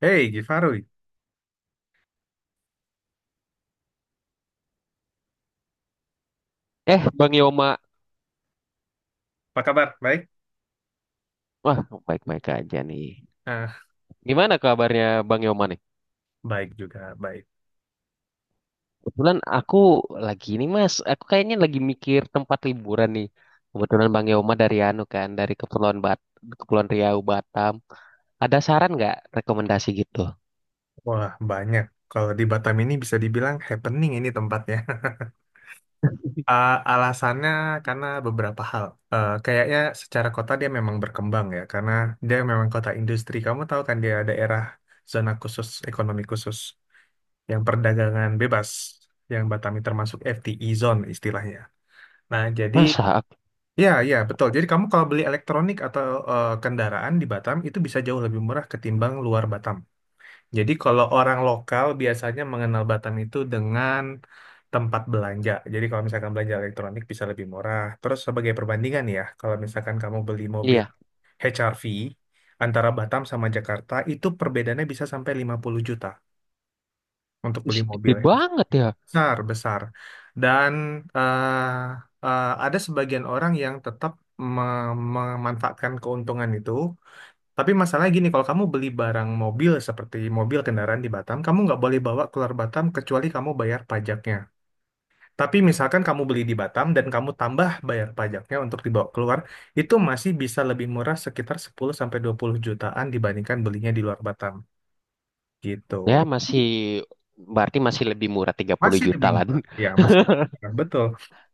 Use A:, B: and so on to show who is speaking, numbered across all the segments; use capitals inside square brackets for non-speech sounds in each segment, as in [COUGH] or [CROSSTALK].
A: Hey, Gifarui,
B: Eh, Bang Yoma.
A: apa kabar? Baik?
B: Wah, baik-baik aja nih.
A: Ah,
B: Gimana kabarnya Bang Yoma nih?
A: baik juga, baik.
B: Kebetulan aku lagi ini Mas, aku kayaknya lagi mikir tempat liburan nih. Kebetulan Bang Yoma dari anu kan, dari Kepulauan Riau, Batam. Ada saran nggak rekomendasi gitu?
A: Wah, banyak. Kalau di Batam ini bisa dibilang happening ini tempatnya. [LAUGHS] Ah, alasannya karena beberapa hal. Kayaknya secara kota dia memang berkembang ya, karena dia memang kota industri. Kamu tahu kan dia daerah zona khusus, ekonomi khusus, yang perdagangan bebas, yang Batam ini termasuk FTE zone istilahnya. Nah, jadi
B: Masa?
A: ya, ya, betul. Jadi kamu kalau beli elektronik atau kendaraan di Batam itu bisa jauh lebih murah ketimbang luar Batam. Jadi kalau orang lokal biasanya mengenal Batam itu dengan tempat belanja. Jadi kalau misalkan belanja elektronik bisa lebih murah. Terus sebagai perbandingan ya, kalau misalkan kamu beli mobil
B: Iya,
A: HRV antara Batam sama Jakarta itu perbedaannya bisa sampai 50 juta untuk beli mobil
B: gede
A: ya.
B: banget ya.
A: Besar, besar. Dan eh, ada sebagian orang yang tetap me- memanfaatkan keuntungan itu. Tapi masalahnya gini, kalau kamu beli barang mobil seperti mobil kendaraan di Batam, kamu nggak boleh bawa keluar Batam kecuali kamu bayar pajaknya. Tapi misalkan kamu beli di Batam dan kamu tambah bayar pajaknya untuk dibawa keluar, itu masih bisa lebih murah sekitar 10 sampai 20 jutaan dibandingkan belinya di luar Batam. Gitu.
B: Ya, masih berarti masih lebih murah 30
A: Masih
B: juta
A: lebih
B: lah.
A: murah. Ya, masih.
B: [LAUGHS]
A: Nah, betul.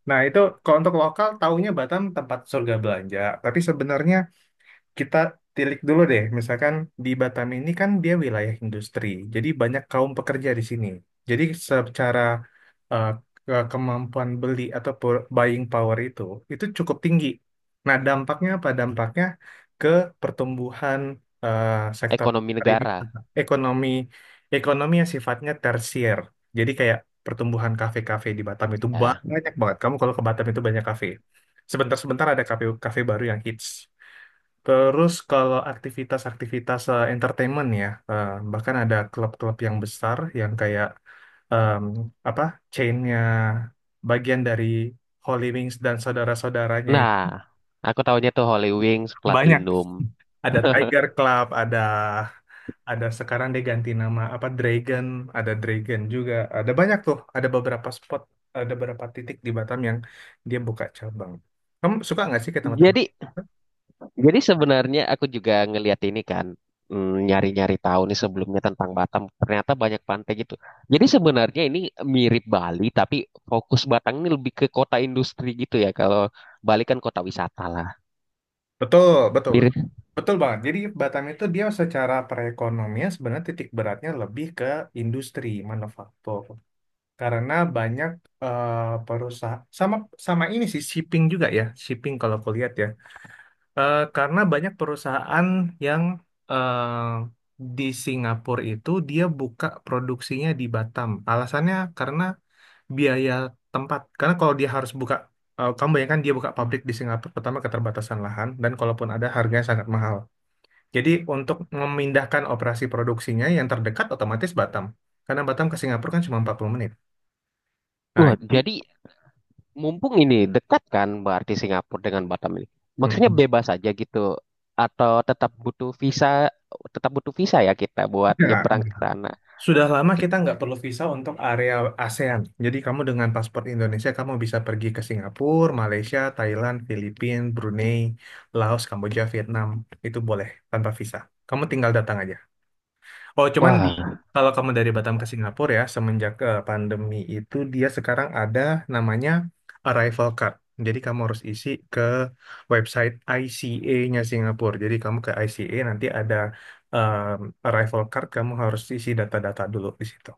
A: Nah, itu kalau untuk lokal, taunya Batam tempat surga belanja. Tapi sebenarnya kita tilik dulu deh, misalkan di Batam ini kan dia wilayah industri, jadi banyak kaum pekerja di sini. Jadi secara eh, kemampuan beli atau buying power itu cukup tinggi. Nah, dampaknya apa? Dampaknya ke pertumbuhan eh, sektor
B: Ekonomi negara.
A: pariwisata, ekonomi, ekonomi yang sifatnya tersier. Jadi kayak pertumbuhan kafe-kafe di Batam itu
B: Ya.
A: banyak banget. Kamu kalau ke Batam itu banyak kafe. Sebentar-sebentar ada kafe kafe baru yang hits. Terus kalau aktivitas-aktivitas entertainment ya, bahkan ada klub-klub yang besar yang kayak em, apa chainnya bagian dari Holy Wings dan saudara-saudaranya itu
B: Nah, aku tahunya tuh Holy Wings,
A: banyak.
B: Platinum.
A: Ada Tiger Club, ada sekarang dia ganti nama apa Dragon, ada Dragon juga. Ada banyak tuh, ada beberapa spot, ada beberapa titik di Batam yang dia buka cabang. Kamu suka nggak sih ke tempat-tempat?
B: Jadi Jadi sebenarnya aku juga ngelihat ini kan, nyari-nyari tahu nih sebelumnya tentang Batam. Ternyata banyak pantai gitu. Jadi sebenarnya ini mirip Bali, tapi fokus Batam ini lebih ke kota industri gitu ya. Kalau Bali kan kota wisata lah.
A: Betul, betul, betul.
B: Mirip.
A: Betul banget. Jadi Batam itu dia secara perekonomian sebenarnya titik beratnya lebih ke industri manufaktur. Karena banyak eh, perusahaan sama sama ini sih shipping juga ya, shipping kalau kulihat ya. Karena banyak perusahaan yang eh, di Singapura itu dia buka produksinya di Batam. Alasannya karena biaya tempat. Karena kalau dia harus buka, kamu bayangkan dia buka pabrik di Singapura, pertama keterbatasan lahan, dan kalaupun ada harganya sangat mahal. Jadi untuk memindahkan operasi produksinya yang terdekat otomatis Batam. Karena Batam ke Singapura kan cuma 40 menit. Nah,
B: Wah,
A: jadi
B: jadi mumpung ini dekat kan berarti Singapura dengan Batam ini. Maksudnya
A: mhm.
B: bebas aja gitu. Atau tetap butuh visa ya kita buat
A: Ya,
B: nyebrang ke sana.
A: sudah lama kita nggak perlu visa untuk area ASEAN. Jadi kamu dengan paspor Indonesia, kamu bisa pergi ke Singapura, Malaysia, Thailand, Filipina, Brunei, Laos, Kamboja, Vietnam. Itu boleh tanpa visa. Kamu tinggal datang aja. Oh, cuman di
B: Wah,
A: kalau kamu dari Batam ke Singapura ya, semenjak pandemi itu dia sekarang ada namanya arrival card. Jadi kamu harus isi ke website ICA-nya Singapura. Jadi kamu ke ICA nanti ada em, arrival card, kamu harus isi data-data dulu di situ.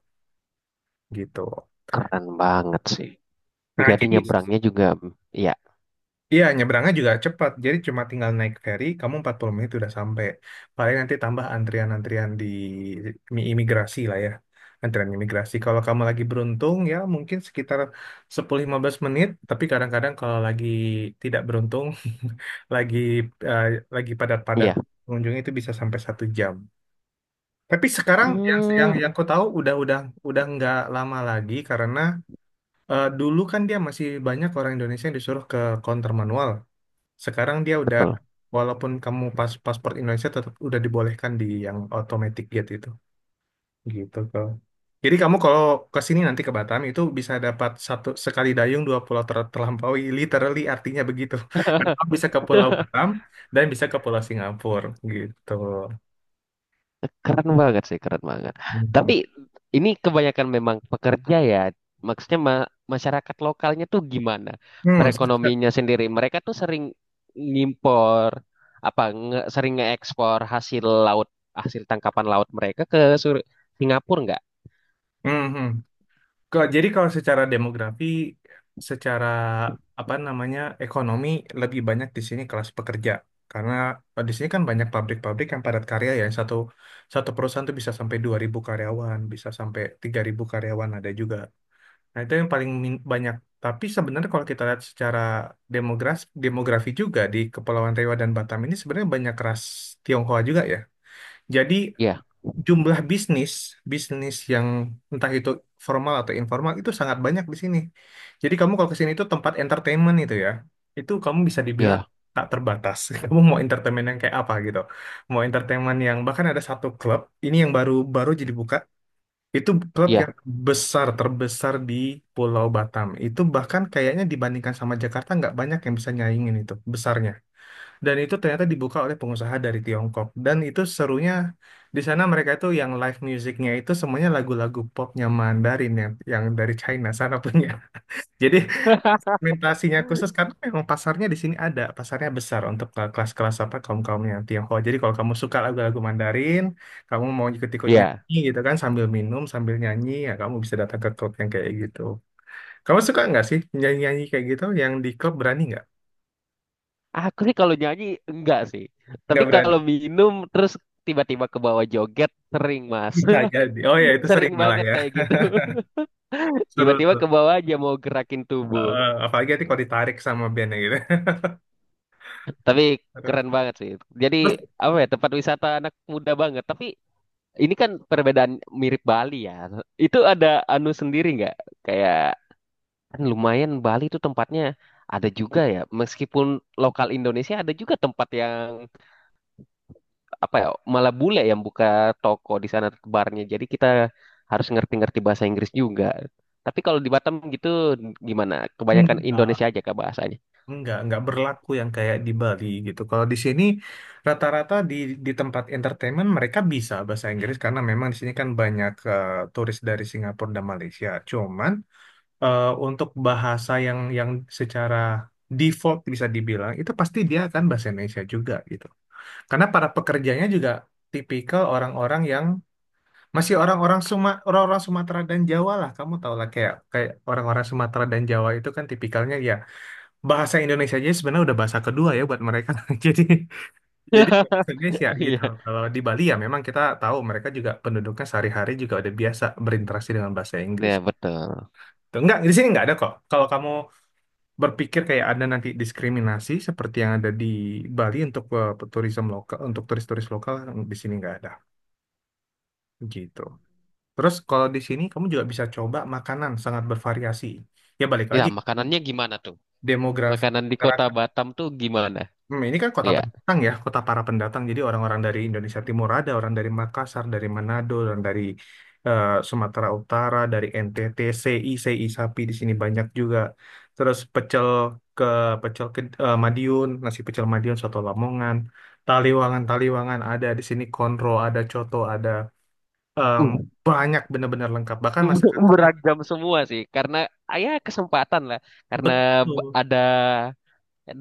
A: Gitu.
B: keren banget sih.
A: Nah,
B: Jadi
A: jadi
B: nyebrangnya juga, ya.
A: iya, nyebrangnya juga cepat. Jadi cuma tinggal naik ferry, kamu 40 menit udah sampai. Paling nanti tambah antrian-antrian di imigrasi lah ya. Antrian imigrasi. Kalau kamu lagi beruntung ya mungkin sekitar 10-15 menit. Tapi kadang-kadang kalau lagi tidak beruntung, [LAUGHS] lagi eh, lagi padat-padat
B: Ya
A: pengunjungnya itu bisa sampai 1 jam. Tapi sekarang yang yang
B: Hmm,
A: yang aku tahu udah nggak lama lagi karena dulu kan dia masih banyak orang Indonesia yang disuruh ke counter manual. Sekarang dia udah,
B: Betul.
A: walaupun kamu pas paspor Indonesia tetap udah dibolehkan di yang automatic gate itu, gitu kok. Jadi kamu kalau ke sini nanti ke Batam itu bisa dapat satu sekali dayung dua pulau terlampaui, literally artinya begitu. [LAUGHS] Karena kamu bisa ke Pulau Batam dan bisa ke Pulau Singapura gitu.
B: Keren banget sih, keren banget. Tapi
A: Mhm.
B: ini kebanyakan memang pekerja ya. Maksudnya ma- masyarakat lokalnya tuh gimana?
A: Hmm,
B: Perekonominya sendiri. Mereka tuh sering ngimpor, apa, sering ngeekspor hasil laut, hasil tangkapan laut mereka ke Singapura nggak?
A: mhm. Kalau jadi kalau secara demografi, secara apa namanya ekonomi lebih banyak di sini kelas pekerja karena di sini kan banyak pabrik-pabrik yang padat karya ya satu satu perusahaan tuh bisa sampai 2.000 karyawan, bisa sampai 3.000 karyawan ada juga. Nah itu yang paling banyak. Tapi sebenarnya kalau kita lihat secara demografi demografi juga di Kepulauan Riau dan Batam ini sebenarnya banyak ras Tionghoa juga ya. Jadi
B: Iya,
A: jumlah bisnis bisnis yang entah itu formal atau informal itu sangat banyak di sini. Jadi kamu kalau ke sini itu tempat entertainment itu ya, itu kamu bisa dibilang
B: iya,
A: tak terbatas. [LAUGHS] Kamu mau entertainment yang kayak apa gitu? Mau entertainment yang bahkan ada satu klub ini yang baru baru jadi buka itu klub yang
B: iya,
A: terbesar di Pulau Batam. Itu bahkan kayaknya dibandingkan sama Jakarta nggak banyak yang bisa nyaingin itu besarnya. Dan itu ternyata dibuka oleh pengusaha dari Tiongkok. Dan itu serunya di sana mereka itu yang live musicnya itu semuanya lagu-lagu popnya Mandarin yang dari China sana punya. [LAUGHS] Jadi
B: [LAUGHS]
A: segmentasinya khusus karena memang pasarnya di sini ada, pasarnya besar untuk kelas-kelas apa kaum-kaumnya Tionghoa. Jadi kalau kamu suka lagu-lagu Mandarin, kamu mau ikut-ikut
B: iya.
A: nyanyi gitu kan sambil minum, sambil nyanyi, ya kamu bisa datang ke klub yang kayak gitu. Kamu suka nggak sih nyanyi-nyanyi kayak gitu? Yang di klub berani nggak?
B: Aku sih kalau nyanyi enggak sih.
A: Nggak
B: Tapi
A: berani.
B: kalau minum terus tiba-tiba ke bawah joget sering, Mas.
A: Bisa
B: [LAUGHS]
A: jadi. Oh ya, itu sering
B: Sering
A: malah
B: banget
A: ya.
B: kayak gitu.
A: [LAUGHS]
B: [LAUGHS]
A: Seru
B: Tiba-tiba
A: tuh.
B: ke bawah aja mau gerakin tubuh.
A: Apalagi nanti kalau ditarik sama bandnya gitu.
B: Tapi
A: [LAUGHS] Aduh.
B: keren banget sih. Jadi
A: Terus
B: apa ya tempat wisata anak muda banget. Tapi ini kan perbedaan mirip Bali ya. Itu ada anu sendiri nggak? Kayak kan lumayan Bali itu tempatnya ada juga ya. Meskipun lokal Indonesia ada juga tempat yang apa ya malah bule yang buka toko di sana barnya. Jadi kita harus ngerti-ngerti bahasa Inggris juga. Tapi kalau di Batam gitu gimana? Kebanyakan
A: enggak,
B: Indonesia aja kah bahasanya?
A: enggak berlaku yang kayak di Bali gitu. Kalau di sini rata-rata di tempat entertainment mereka bisa bahasa Inggris karena memang di sini kan banyak turis dari Singapura dan Malaysia. Cuman untuk bahasa yang secara default bisa dibilang itu pasti dia akan bahasa Indonesia juga gitu. Karena para pekerjanya juga tipikal orang-orang yang masih orang-orang orang-orang Sumatera dan Jawa lah, kamu tau lah kayak kayak orang-orang Sumatera dan Jawa itu kan tipikalnya ya bahasa Indonesia aja sebenarnya udah bahasa kedua ya buat mereka. [LAUGHS] Jadi jadi kayak bahasa
B: [LAUGHS]
A: Indonesia gitu.
B: Iya,
A: Kalau di Bali ya memang kita tahu mereka juga penduduknya sehari-hari juga udah biasa berinteraksi dengan bahasa Inggris.
B: ya betul.
A: Tuh, enggak, di sini nggak ada kok. Kalau kamu berpikir kayak ada nanti diskriminasi seperti yang ada di Bali untuk turisme lokal, untuk turis-turis lokal di sini nggak ada. Gitu. Terus kalau di sini kamu juga bisa coba makanan sangat bervariasi. Ya balik
B: Ya,
A: lagi
B: makanannya gimana tuh?
A: demografi
B: Makanan di kota
A: masyarakat.
B: Batam tuh gimana?
A: Hmm, ini kan kota
B: Ya,
A: pendatang ya, kota para pendatang. Jadi orang-orang dari Indonesia Timur ada, orang dari Makassar, dari Manado, orang dari Sumatera Utara, dari NTT, CI, CI sapi di sini banyak juga. Terus ke Madiun, nasi pecel Madiun, soto Lamongan, Taliwangan ada di sini, konro ada, coto ada. Em,
B: uh,
A: Banyak benar-benar lengkap. Bahkan masakan
B: [LAUGHS] beragam semua sih. Karena ah, ya kesempatan lah. Karena
A: betul.
B: ada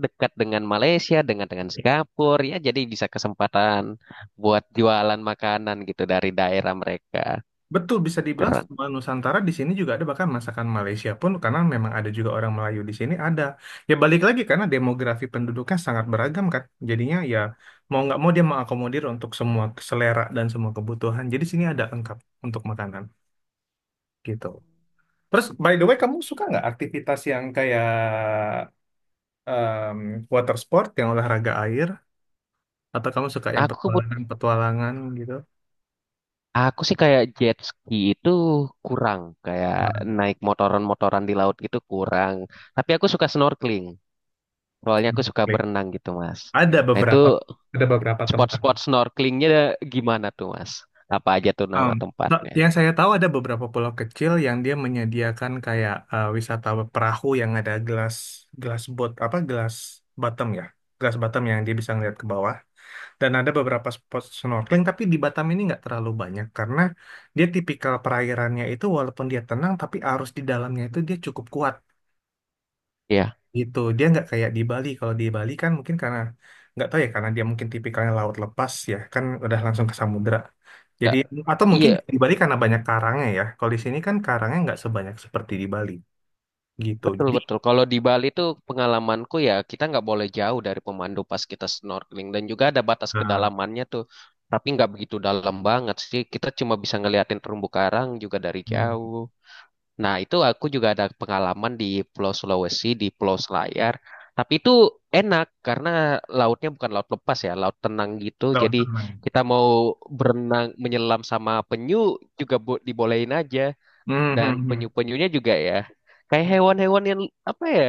B: dekat dengan Malaysia, dengan Singapura, ya jadi bisa kesempatan buat jualan makanan gitu dari daerah mereka.
A: Betul bisa dibilang
B: Keren.
A: semua Nusantara di sini juga ada bahkan masakan Malaysia pun karena memang ada juga orang Melayu di sini ada. Ya balik lagi karena demografi penduduknya sangat beragam kan. Jadinya ya mau nggak mau dia mengakomodir untuk semua selera dan semua kebutuhan. Jadi sini ada lengkap untuk makanan gitu. Terus by the way kamu suka nggak aktivitas yang kayak em, water sport yang olahraga air atau kamu suka yang
B: Aku kebut-
A: petualangan-petualangan gitu?
B: aku sih kayak jet ski itu kurang, kayak naik motoran-motoran di laut gitu kurang. Tapi aku suka snorkeling. Soalnya aku suka
A: Hmm.
B: berenang gitu, Mas.
A: Ada
B: Nah, itu
A: beberapa ada beberapa tempat.
B: spot-spot snorkelingnya gimana tuh, Mas? Apa aja tuh
A: Um,
B: nama tempatnya?
A: yang saya tahu ada beberapa pulau kecil yang dia menyediakan kayak wisata perahu yang ada gelas gelas boat apa gelas bottom ya, gelas bottom yang dia bisa ngeliat ke bawah. Dan ada beberapa spot snorkeling tapi di Batam ini nggak terlalu banyak karena dia tipikal perairannya itu walaupun dia tenang tapi arus di dalamnya itu dia cukup kuat
B: Iya,
A: gitu. Dia nggak kayak di Bali. Kalau di Bali kan mungkin karena nggak tahu ya karena dia mungkin tipikalnya laut lepas ya kan udah langsung ke samudra. Jadi
B: Kak.
A: atau mungkin
B: Iya,
A: juga di Bali karena banyak karangnya ya. Kalau di sini kan karangnya nggak sebanyak seperti di Bali gitu.
B: betul-betul. Kalau di Bali tuh pengalamanku ya kita nggak boleh jauh dari pemandu pas kita snorkeling. Dan juga ada batas
A: Eh,
B: kedalamannya tuh. Tapi nggak begitu dalam banget sih. Kita cuma bisa ngeliatin terumbu karang juga dari
A: hmm,
B: jauh. Nah, itu aku juga ada pengalaman di Pulau Sulawesi, di Pulau Selayar. Tapi itu enak karena lautnya bukan laut lepas ya, laut tenang gitu.
A: Laut
B: Jadi
A: tenang.
B: kita mau berenang, menyelam sama penyu juga dibolehin aja.
A: Hmm,
B: Dan
A: hmm, hmm.
B: penyu-penyunya juga ya, kayak hewan-hewan yang apa ya,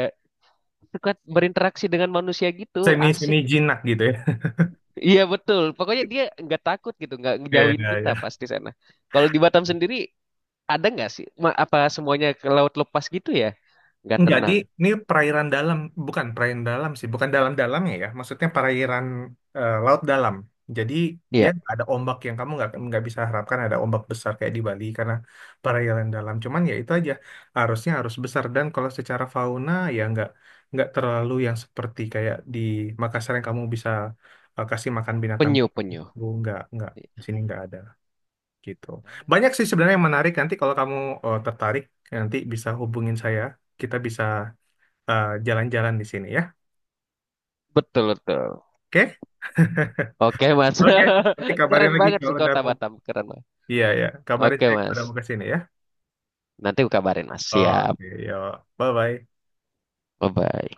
B: suka berinteraksi dengan manusia gitu,
A: Semi
B: asik.
A: Semi
B: [LAUGHS]
A: jinak gitu ya. [LAUGHS]
B: Iya betul, pokoknya dia nggak takut gitu, nggak
A: Iya
B: ngejauhin kita
A: iya.
B: pasti sana. Kalau di Batam sendiri ada nggak sih, apa semuanya ke laut lepas gitu ya? Nggak
A: Enggak, di
B: tenang.
A: ini perairan dalam, bukan perairan dalam sih, bukan dalam-dalamnya ya. Ya, maksudnya perairan laut dalam. Jadi dia
B: Iya,
A: nggak ada ombak yang kamu nggak bisa harapkan ada ombak besar kayak di Bali karena perairan dalam. Cuman ya itu aja harusnya harus besar dan kalau secara fauna ya nggak terlalu yang seperti kayak di Makassar yang kamu bisa kasih makan binatang
B: penyu, penyu.
A: baru nggak di sini nggak ada gitu. Banyak sih sebenarnya yang menarik nanti kalau kamu tertarik nanti bisa hubungin saya kita bisa jalan-jalan di sini ya.
B: Betul, betul.
A: Oke?
B: Oke, Mas.
A: Oke. Nanti
B: [LAUGHS]
A: kabarin
B: Keren
A: lagi
B: banget sih
A: kalau udah
B: kota
A: mau.
B: Batam. Keren, Mas.
A: Iya, ya. Kabarin
B: Oke,
A: saya kalau
B: Mas.
A: udah mau ke sini ya.
B: Nanti aku kabarin, Mas. Siap.
A: Oke, yuk. Bye-bye.
B: Bye-bye.